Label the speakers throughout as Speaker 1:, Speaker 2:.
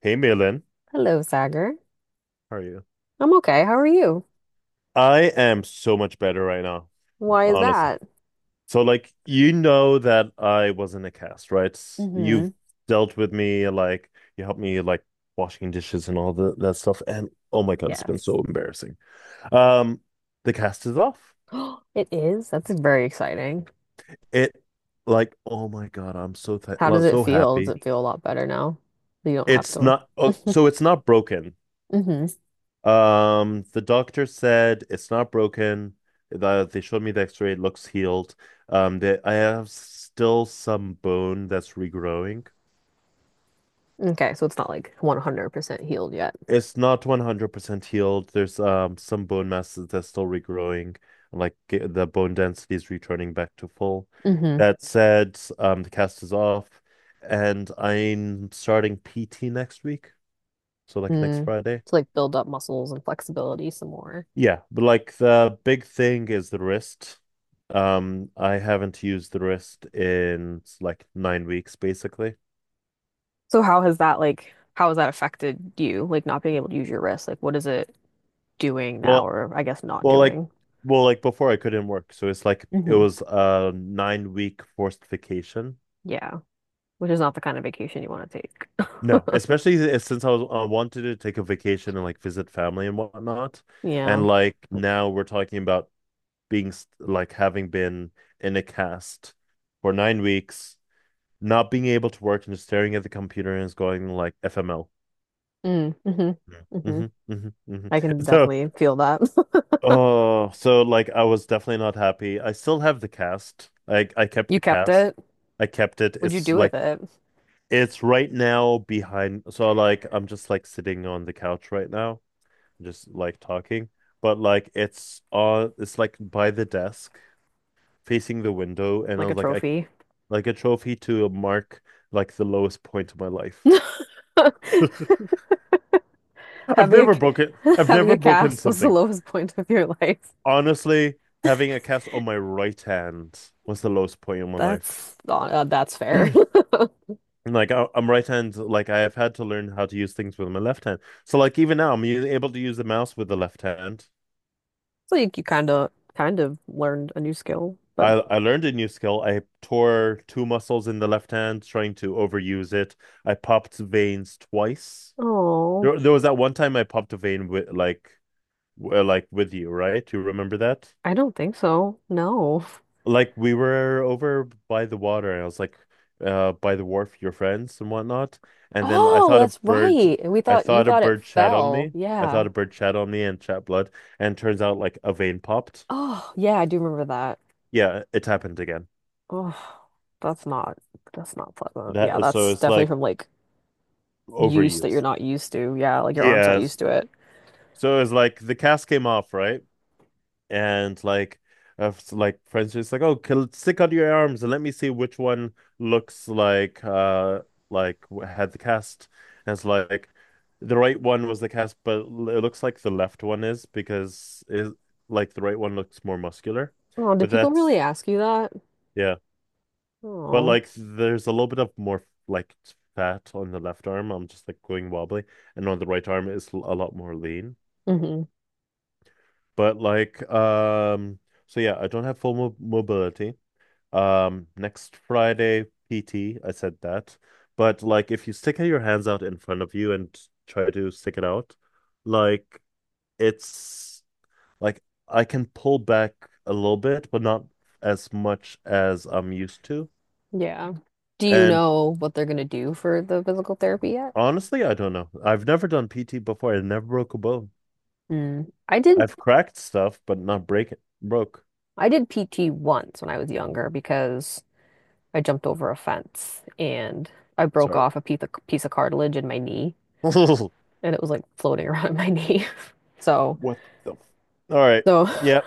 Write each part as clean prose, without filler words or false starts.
Speaker 1: Hey, Malin.
Speaker 2: Hello, Sagar.
Speaker 1: How are you?
Speaker 2: I'm okay. How are you?
Speaker 1: I am so much better right now,
Speaker 2: Why is
Speaker 1: honestly.
Speaker 2: that?
Speaker 1: So, like, you know that I was in a cast, right?
Speaker 2: Mm-hmm.
Speaker 1: You've dealt with me, like, you helped me, like, washing dishes and that stuff. And oh my God, it's been
Speaker 2: Yes.
Speaker 1: so embarrassing. Um, the cast is off.
Speaker 2: It is. That's very exciting.
Speaker 1: It, oh my God, I'm so th
Speaker 2: How does it
Speaker 1: so
Speaker 2: feel? Does it
Speaker 1: happy.
Speaker 2: feel a lot better now? That You don't have to.
Speaker 1: It's not broken.
Speaker 2: Mm-hmm.
Speaker 1: The doctor said it's not broken. They showed me the X-ray, it looks healed. I have still some bone that's regrowing.
Speaker 2: Okay, so it's not like 100% healed yet.
Speaker 1: It's not 100% healed. There's some bone masses that's still regrowing, like the bone density is returning back to full.
Speaker 2: Mm-hmm.
Speaker 1: That said, the cast is off, and I'm starting PT next week, so like next
Speaker 2: Mm.
Speaker 1: Friday.
Speaker 2: To like build up muscles and flexibility some more.
Speaker 1: Yeah, but like the big thing is the wrist. I haven't used the wrist in like 9 weeks, basically.
Speaker 2: So how has that affected you? Like not being able to use your wrist? Like what is it doing now,
Speaker 1: Well,
Speaker 2: or I guess not
Speaker 1: well, like,
Speaker 2: doing?
Speaker 1: well, before I couldn't work, so it's like it
Speaker 2: Mm-hmm.
Speaker 1: was a 9 week forced vacation.
Speaker 2: Yeah. Which is not the kind of vacation you want to take.
Speaker 1: No, especially since I wanted to take a vacation and like visit family and whatnot,
Speaker 2: Yeah.
Speaker 1: and like now we're talking about like having been in a cast for 9 weeks not being able to work and just staring at the computer and it's going like FML.
Speaker 2: Mm, hmm hmm.
Speaker 1: Hmm, hmm, hmm.
Speaker 2: I can
Speaker 1: So,
Speaker 2: definitely feel that.
Speaker 1: oh, so like I was definitely not happy. I still have the cast. Like I kept
Speaker 2: You
Speaker 1: the
Speaker 2: kept
Speaker 1: cast.
Speaker 2: it.
Speaker 1: I kept it.
Speaker 2: What'd you do with it?
Speaker 1: It's right now behind. So like I'm just like sitting on the couch right now, just like talking. But like it's on. It's like by the desk, facing the window, and I
Speaker 2: Like a
Speaker 1: was like, I
Speaker 2: trophy.
Speaker 1: like a trophy to mark like the lowest point of my life.
Speaker 2: Having a
Speaker 1: I've
Speaker 2: having
Speaker 1: never
Speaker 2: a
Speaker 1: broken
Speaker 2: cast was the
Speaker 1: something.
Speaker 2: lowest point of your life.
Speaker 1: Honestly, having a cast on my right hand was the lowest point in my life.
Speaker 2: That's not, that's fair.
Speaker 1: Like I'm right hand, like I have had to learn how to use things with my left hand. So like even now, able to use the mouse with the left hand.
Speaker 2: So you kind of learned a new skill, but
Speaker 1: I learned a new skill. I tore two muscles in the left hand trying to overuse it. I popped veins twice.
Speaker 2: oh,
Speaker 1: There was that one time I popped a vein with like like with you, right? You remember that?
Speaker 2: I don't think so. No.
Speaker 1: Like we were over by the water, and I was like, by the wharf, your friends and whatnot. And then I
Speaker 2: Oh,
Speaker 1: thought a
Speaker 2: that's
Speaker 1: bird,
Speaker 2: right. And we
Speaker 1: I
Speaker 2: thought you
Speaker 1: thought a
Speaker 2: thought it
Speaker 1: bird shat on
Speaker 2: fell.
Speaker 1: me. I
Speaker 2: Yeah.
Speaker 1: thought a bird shat on me and shat blood, and turns out like a vein popped.
Speaker 2: Oh, yeah, I do remember that.
Speaker 1: Yeah, it happened again.
Speaker 2: Oh, that's not that's not pleasant. Yeah,
Speaker 1: That So
Speaker 2: that's
Speaker 1: it's
Speaker 2: definitely
Speaker 1: like
Speaker 2: from like use that you're
Speaker 1: overuse.
Speaker 2: not used to. Yeah, like your arm's not used
Speaker 1: Yes.
Speaker 2: to it.
Speaker 1: So it's like the cast came off, right? and like uh, like friends just like oh kill, stick under your arms and let me see which one looks like like had the cast, and it's like the right one was the cast, but it looks like the left one is because it like the right one looks more muscular,
Speaker 2: Oh, did
Speaker 1: but
Speaker 2: people really
Speaker 1: that's
Speaker 2: ask you that?
Speaker 1: yeah, but
Speaker 2: Oh,
Speaker 1: like there's a little bit of more like fat on the left arm, I'm just like going wobbly, and on the right arm is a lot more lean,
Speaker 2: hmm.
Speaker 1: but like so yeah, I don't have full mo mobility. Next Friday, PT, I said that. But like if you stick your hands out in front of you and try to stick it out, like it's like, I can pull back a little bit, but not as much as I'm used to.
Speaker 2: Yeah. Do you
Speaker 1: And
Speaker 2: know what they're gonna do for the physical therapy yet?
Speaker 1: honestly, I don't know. I've never done PT before. I never broke a bone.
Speaker 2: Mm.
Speaker 1: I've cracked stuff, but not break it. Broke.
Speaker 2: I did PT once when I was younger because I jumped over a fence and I broke
Speaker 1: Sorry.
Speaker 2: off a piece of cartilage in my knee, and it was like floating around my knee. So,
Speaker 1: What the f- All right.
Speaker 2: so
Speaker 1: Yeah.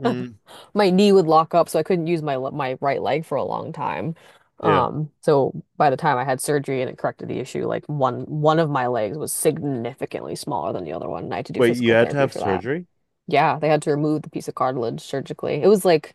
Speaker 1: Mm,
Speaker 2: my knee would lock up, so I couldn't use my my right leg for a long time.
Speaker 1: yeah.
Speaker 2: So by the time I had surgery and it corrected the issue, like one of my legs was significantly smaller than the other one, and I had to do
Speaker 1: Wait, you
Speaker 2: physical
Speaker 1: had to
Speaker 2: therapy
Speaker 1: have
Speaker 2: for that.
Speaker 1: surgery?
Speaker 2: Yeah, they had to remove the piece of cartilage surgically. It was like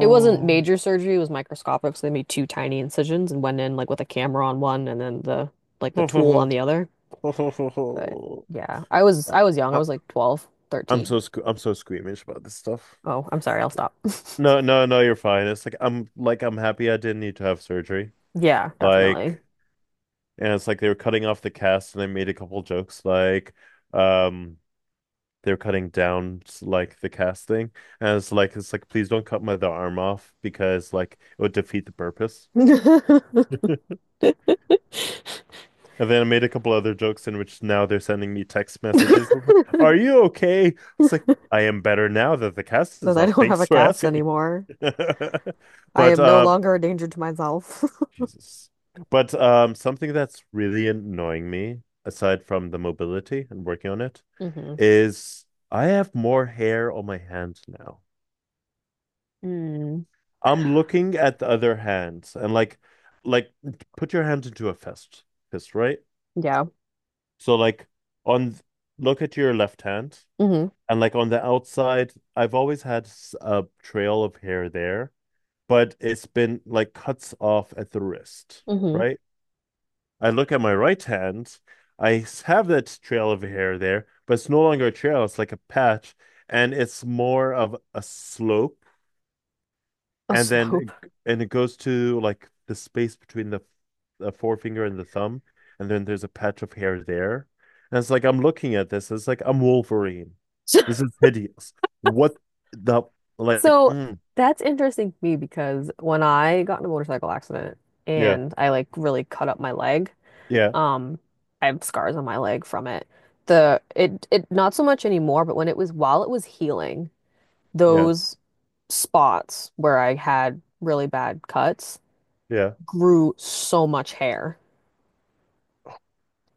Speaker 2: it wasn't major surgery, it was microscopic, so they made two tiny incisions and went in like with a camera on one, and then the like the
Speaker 1: ho, ho,
Speaker 2: tool on
Speaker 1: ho,
Speaker 2: the other.
Speaker 1: ho, ho, ho,
Speaker 2: But
Speaker 1: ho.
Speaker 2: yeah,
Speaker 1: I,
Speaker 2: I was young. I
Speaker 1: I,
Speaker 2: was like 12,
Speaker 1: I'm
Speaker 2: 13.
Speaker 1: so I'm so squeamish about this stuff.
Speaker 2: Oh, I'm sorry, I'll stop.
Speaker 1: No, no, no, You're fine. It's like I'm happy I didn't need to have surgery.
Speaker 2: Yeah, definitely.
Speaker 1: Like, and it's like they were cutting off the cast, and they made a couple jokes like, um, they were cutting down like the cast thing, and it's like please don't cut my the arm off because like it would defeat the purpose. And then I made a couple other jokes in which now they're sending me text messages. I was like, "Are you okay?" It's like I am better now that the cast
Speaker 2: that
Speaker 1: is
Speaker 2: I
Speaker 1: off.
Speaker 2: don't have
Speaker 1: Thanks
Speaker 2: a
Speaker 1: for
Speaker 2: cast
Speaker 1: asking.
Speaker 2: anymore. I
Speaker 1: But
Speaker 2: am no longer a danger to myself.
Speaker 1: Jesus. But something that's really annoying me, aside from the mobility and working on it,
Speaker 2: Mm-hmm.
Speaker 1: is I have more hair on my hand now.
Speaker 2: Mm.
Speaker 1: I'm looking at the other hands and like put your hand into a fist, right?
Speaker 2: Yeah.
Speaker 1: So on, look at your left hand.
Speaker 2: Mm-hmm.
Speaker 1: And like on the outside, I've always had a trail of hair there, but it's been like cuts off at the wrist,
Speaker 2: Mm-hmm.
Speaker 1: right? I look at my right hand, I have that trail of hair there, but it's no longer a trail, it's like a patch, and it's more of a slope,
Speaker 2: A
Speaker 1: and
Speaker 2: slope.
Speaker 1: and it goes to like the space between the forefinger and the thumb, and then there's a patch of hair there. And it's like I'm looking at this. It's like I'm Wolverine. This is hideous. What the like?
Speaker 2: So
Speaker 1: Mm,
Speaker 2: that's interesting to me because when I got in a motorcycle accident
Speaker 1: yeah,
Speaker 2: and I like really cut up my leg,
Speaker 1: yeah,
Speaker 2: um, I have scars on my leg from it. The it not so much anymore, but when it was while it was healing,
Speaker 1: yeah,
Speaker 2: those spots where I had really bad cuts
Speaker 1: yeah,
Speaker 2: grew so much hair.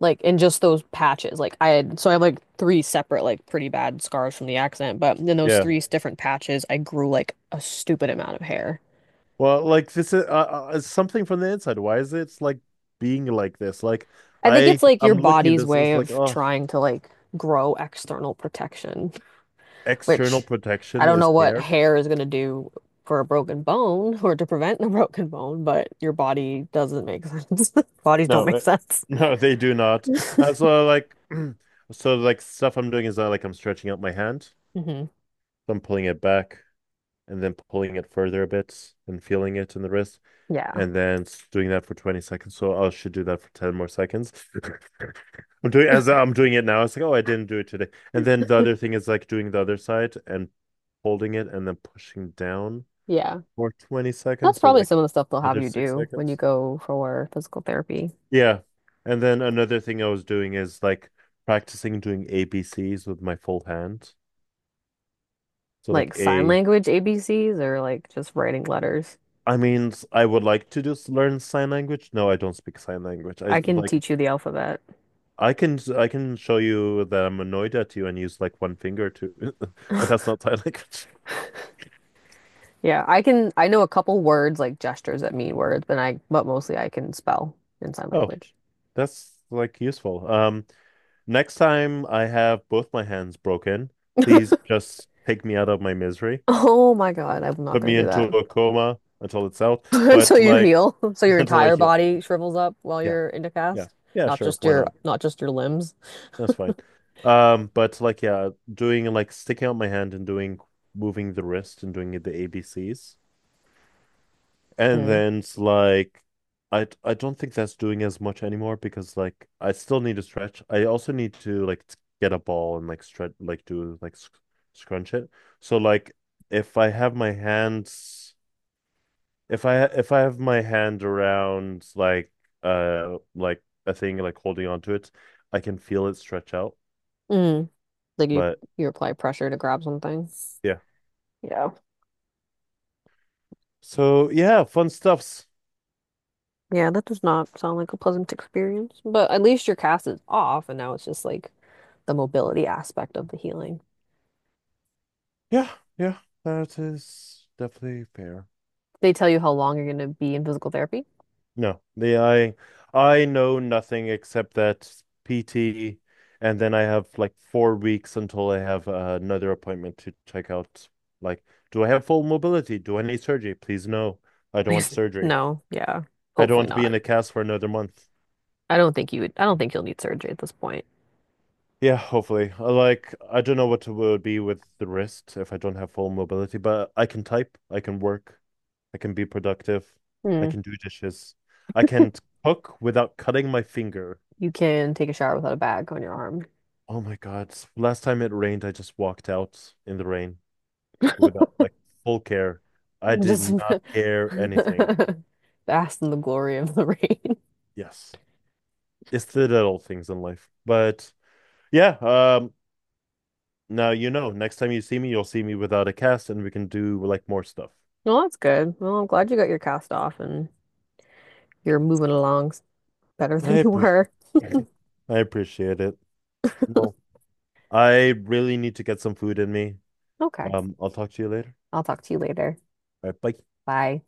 Speaker 2: Like in just those patches. Like I had, so I have like three separate, like pretty bad scars from the accident, but in those
Speaker 1: yeah.
Speaker 2: three different patches, I grew like a stupid amount of hair.
Speaker 1: Well, like this is something from the inside. Why is it like being like this? Like
Speaker 2: I think it's like your
Speaker 1: I'm looking at
Speaker 2: body's
Speaker 1: this.
Speaker 2: way
Speaker 1: It's like
Speaker 2: of
Speaker 1: oh,
Speaker 2: trying to like grow external protection,
Speaker 1: external
Speaker 2: which I
Speaker 1: protection
Speaker 2: don't
Speaker 1: is
Speaker 2: know what
Speaker 1: hair.
Speaker 2: hair is going to do for a broken bone or to prevent a broken bone, but your body doesn't make sense. Bodies don't
Speaker 1: No,
Speaker 2: make
Speaker 1: it-
Speaker 2: sense.
Speaker 1: no, they do not. And so like so like stuff I'm doing is that like I'm stretching out my hand,
Speaker 2: Hmm.
Speaker 1: so I'm pulling it back and then pulling it further a bit and feeling it in the wrist
Speaker 2: Yeah.
Speaker 1: and then doing that for 20 seconds. So I should do that for 10 more seconds. I'm doing as I'm doing it now. It's like, oh, I didn't do it today. And then the other thing is like doing the other side and holding it and then pushing down
Speaker 2: Yeah.
Speaker 1: for 20
Speaker 2: That's
Speaker 1: seconds. So
Speaker 2: probably
Speaker 1: like
Speaker 2: some of the stuff they'll have
Speaker 1: another
Speaker 2: you
Speaker 1: six
Speaker 2: do when you
Speaker 1: seconds.
Speaker 2: go for physical therapy.
Speaker 1: Yeah. And then another thing I was doing is like practicing doing ABCs with my full hand. So
Speaker 2: Like
Speaker 1: like
Speaker 2: sign
Speaker 1: A,
Speaker 2: language ABCs, or like just writing letters?
Speaker 1: I mean, I would like to just learn sign language. No, I don't speak sign language.
Speaker 2: I can teach you the alphabet.
Speaker 1: I can show you that I'm annoyed at you and use like one finger to, but that's not sign language.
Speaker 2: Yeah, I know a couple words like gestures that mean words, but I but mostly I can spell in sign
Speaker 1: Oh,
Speaker 2: language.
Speaker 1: that's like useful. Next time I have both my hands broken, please just take me out of my misery,
Speaker 2: Oh my God, I'm not
Speaker 1: put
Speaker 2: gonna
Speaker 1: me
Speaker 2: do
Speaker 1: into
Speaker 2: that.
Speaker 1: a coma until it's out,
Speaker 2: Until
Speaker 1: but
Speaker 2: you
Speaker 1: like
Speaker 2: heal. So your
Speaker 1: until I
Speaker 2: entire
Speaker 1: heal.
Speaker 2: body shrivels up while
Speaker 1: Yeah,
Speaker 2: you're in the
Speaker 1: yeah,
Speaker 2: cast,
Speaker 1: yeah, sure. Why not?
Speaker 2: not just your limbs.
Speaker 1: That's fine. But like, yeah, doing like sticking out my hand and doing moving the wrist and doing it the ABCs, and
Speaker 2: Mm.
Speaker 1: then it's like, I don't think that's doing as much anymore because like I still need to stretch. I also need to like get a ball and like stretch, like do like scrunch it. So like, if I have my hands. If I have my hand around like a thing like holding onto it, I can feel it stretch out.
Speaker 2: Mm. Like you
Speaker 1: But
Speaker 2: you apply pressure to grab something.
Speaker 1: yeah.
Speaker 2: Yeah.
Speaker 1: So yeah, fun stuffs.
Speaker 2: Yeah, that does not sound like a pleasant experience, but at least your cast is off, and now it's just like the mobility aspect of the healing.
Speaker 1: Yeah, yeah. That is definitely fair.
Speaker 2: They tell you how long you're going to be in physical therapy?
Speaker 1: No, the I know nothing except that PT, and then I have like 4 weeks until I have another appointment to check out. Like, do I have full mobility? Do I need surgery? Please no. I don't want
Speaker 2: Please.
Speaker 1: surgery.
Speaker 2: No, yeah,
Speaker 1: I don't
Speaker 2: hopefully
Speaker 1: want to be
Speaker 2: not.
Speaker 1: in a cast for another month.
Speaker 2: I don't think you'll need surgery at this point.
Speaker 1: Yeah, hopefully. I like, I don't know what it will be with the wrist if I don't have full mobility, but I can type, I can work, I can be productive, I
Speaker 2: Hmm.
Speaker 1: can do dishes, I can cook without cutting my finger.
Speaker 2: You can take a shower without a bag on your arm.
Speaker 1: Oh my God. Last time it rained, I just walked out in the rain without like full care. I did
Speaker 2: Just
Speaker 1: not care anything.
Speaker 2: bask in the glory of the rain.
Speaker 1: Yes. It's the little things in life. But yeah, now you know, next time you see me, you'll see me without a cast and we can do like more stuff.
Speaker 2: Well, that's good. Well, I'm glad you got your cast off, and you're moving along better
Speaker 1: I
Speaker 2: than you
Speaker 1: appreciate
Speaker 2: were.
Speaker 1: I appreciate it. Well, I really need to get some food in me.
Speaker 2: Okay,
Speaker 1: I'll talk to you later.
Speaker 2: I'll talk to you later.
Speaker 1: All right, bye.
Speaker 2: Bye.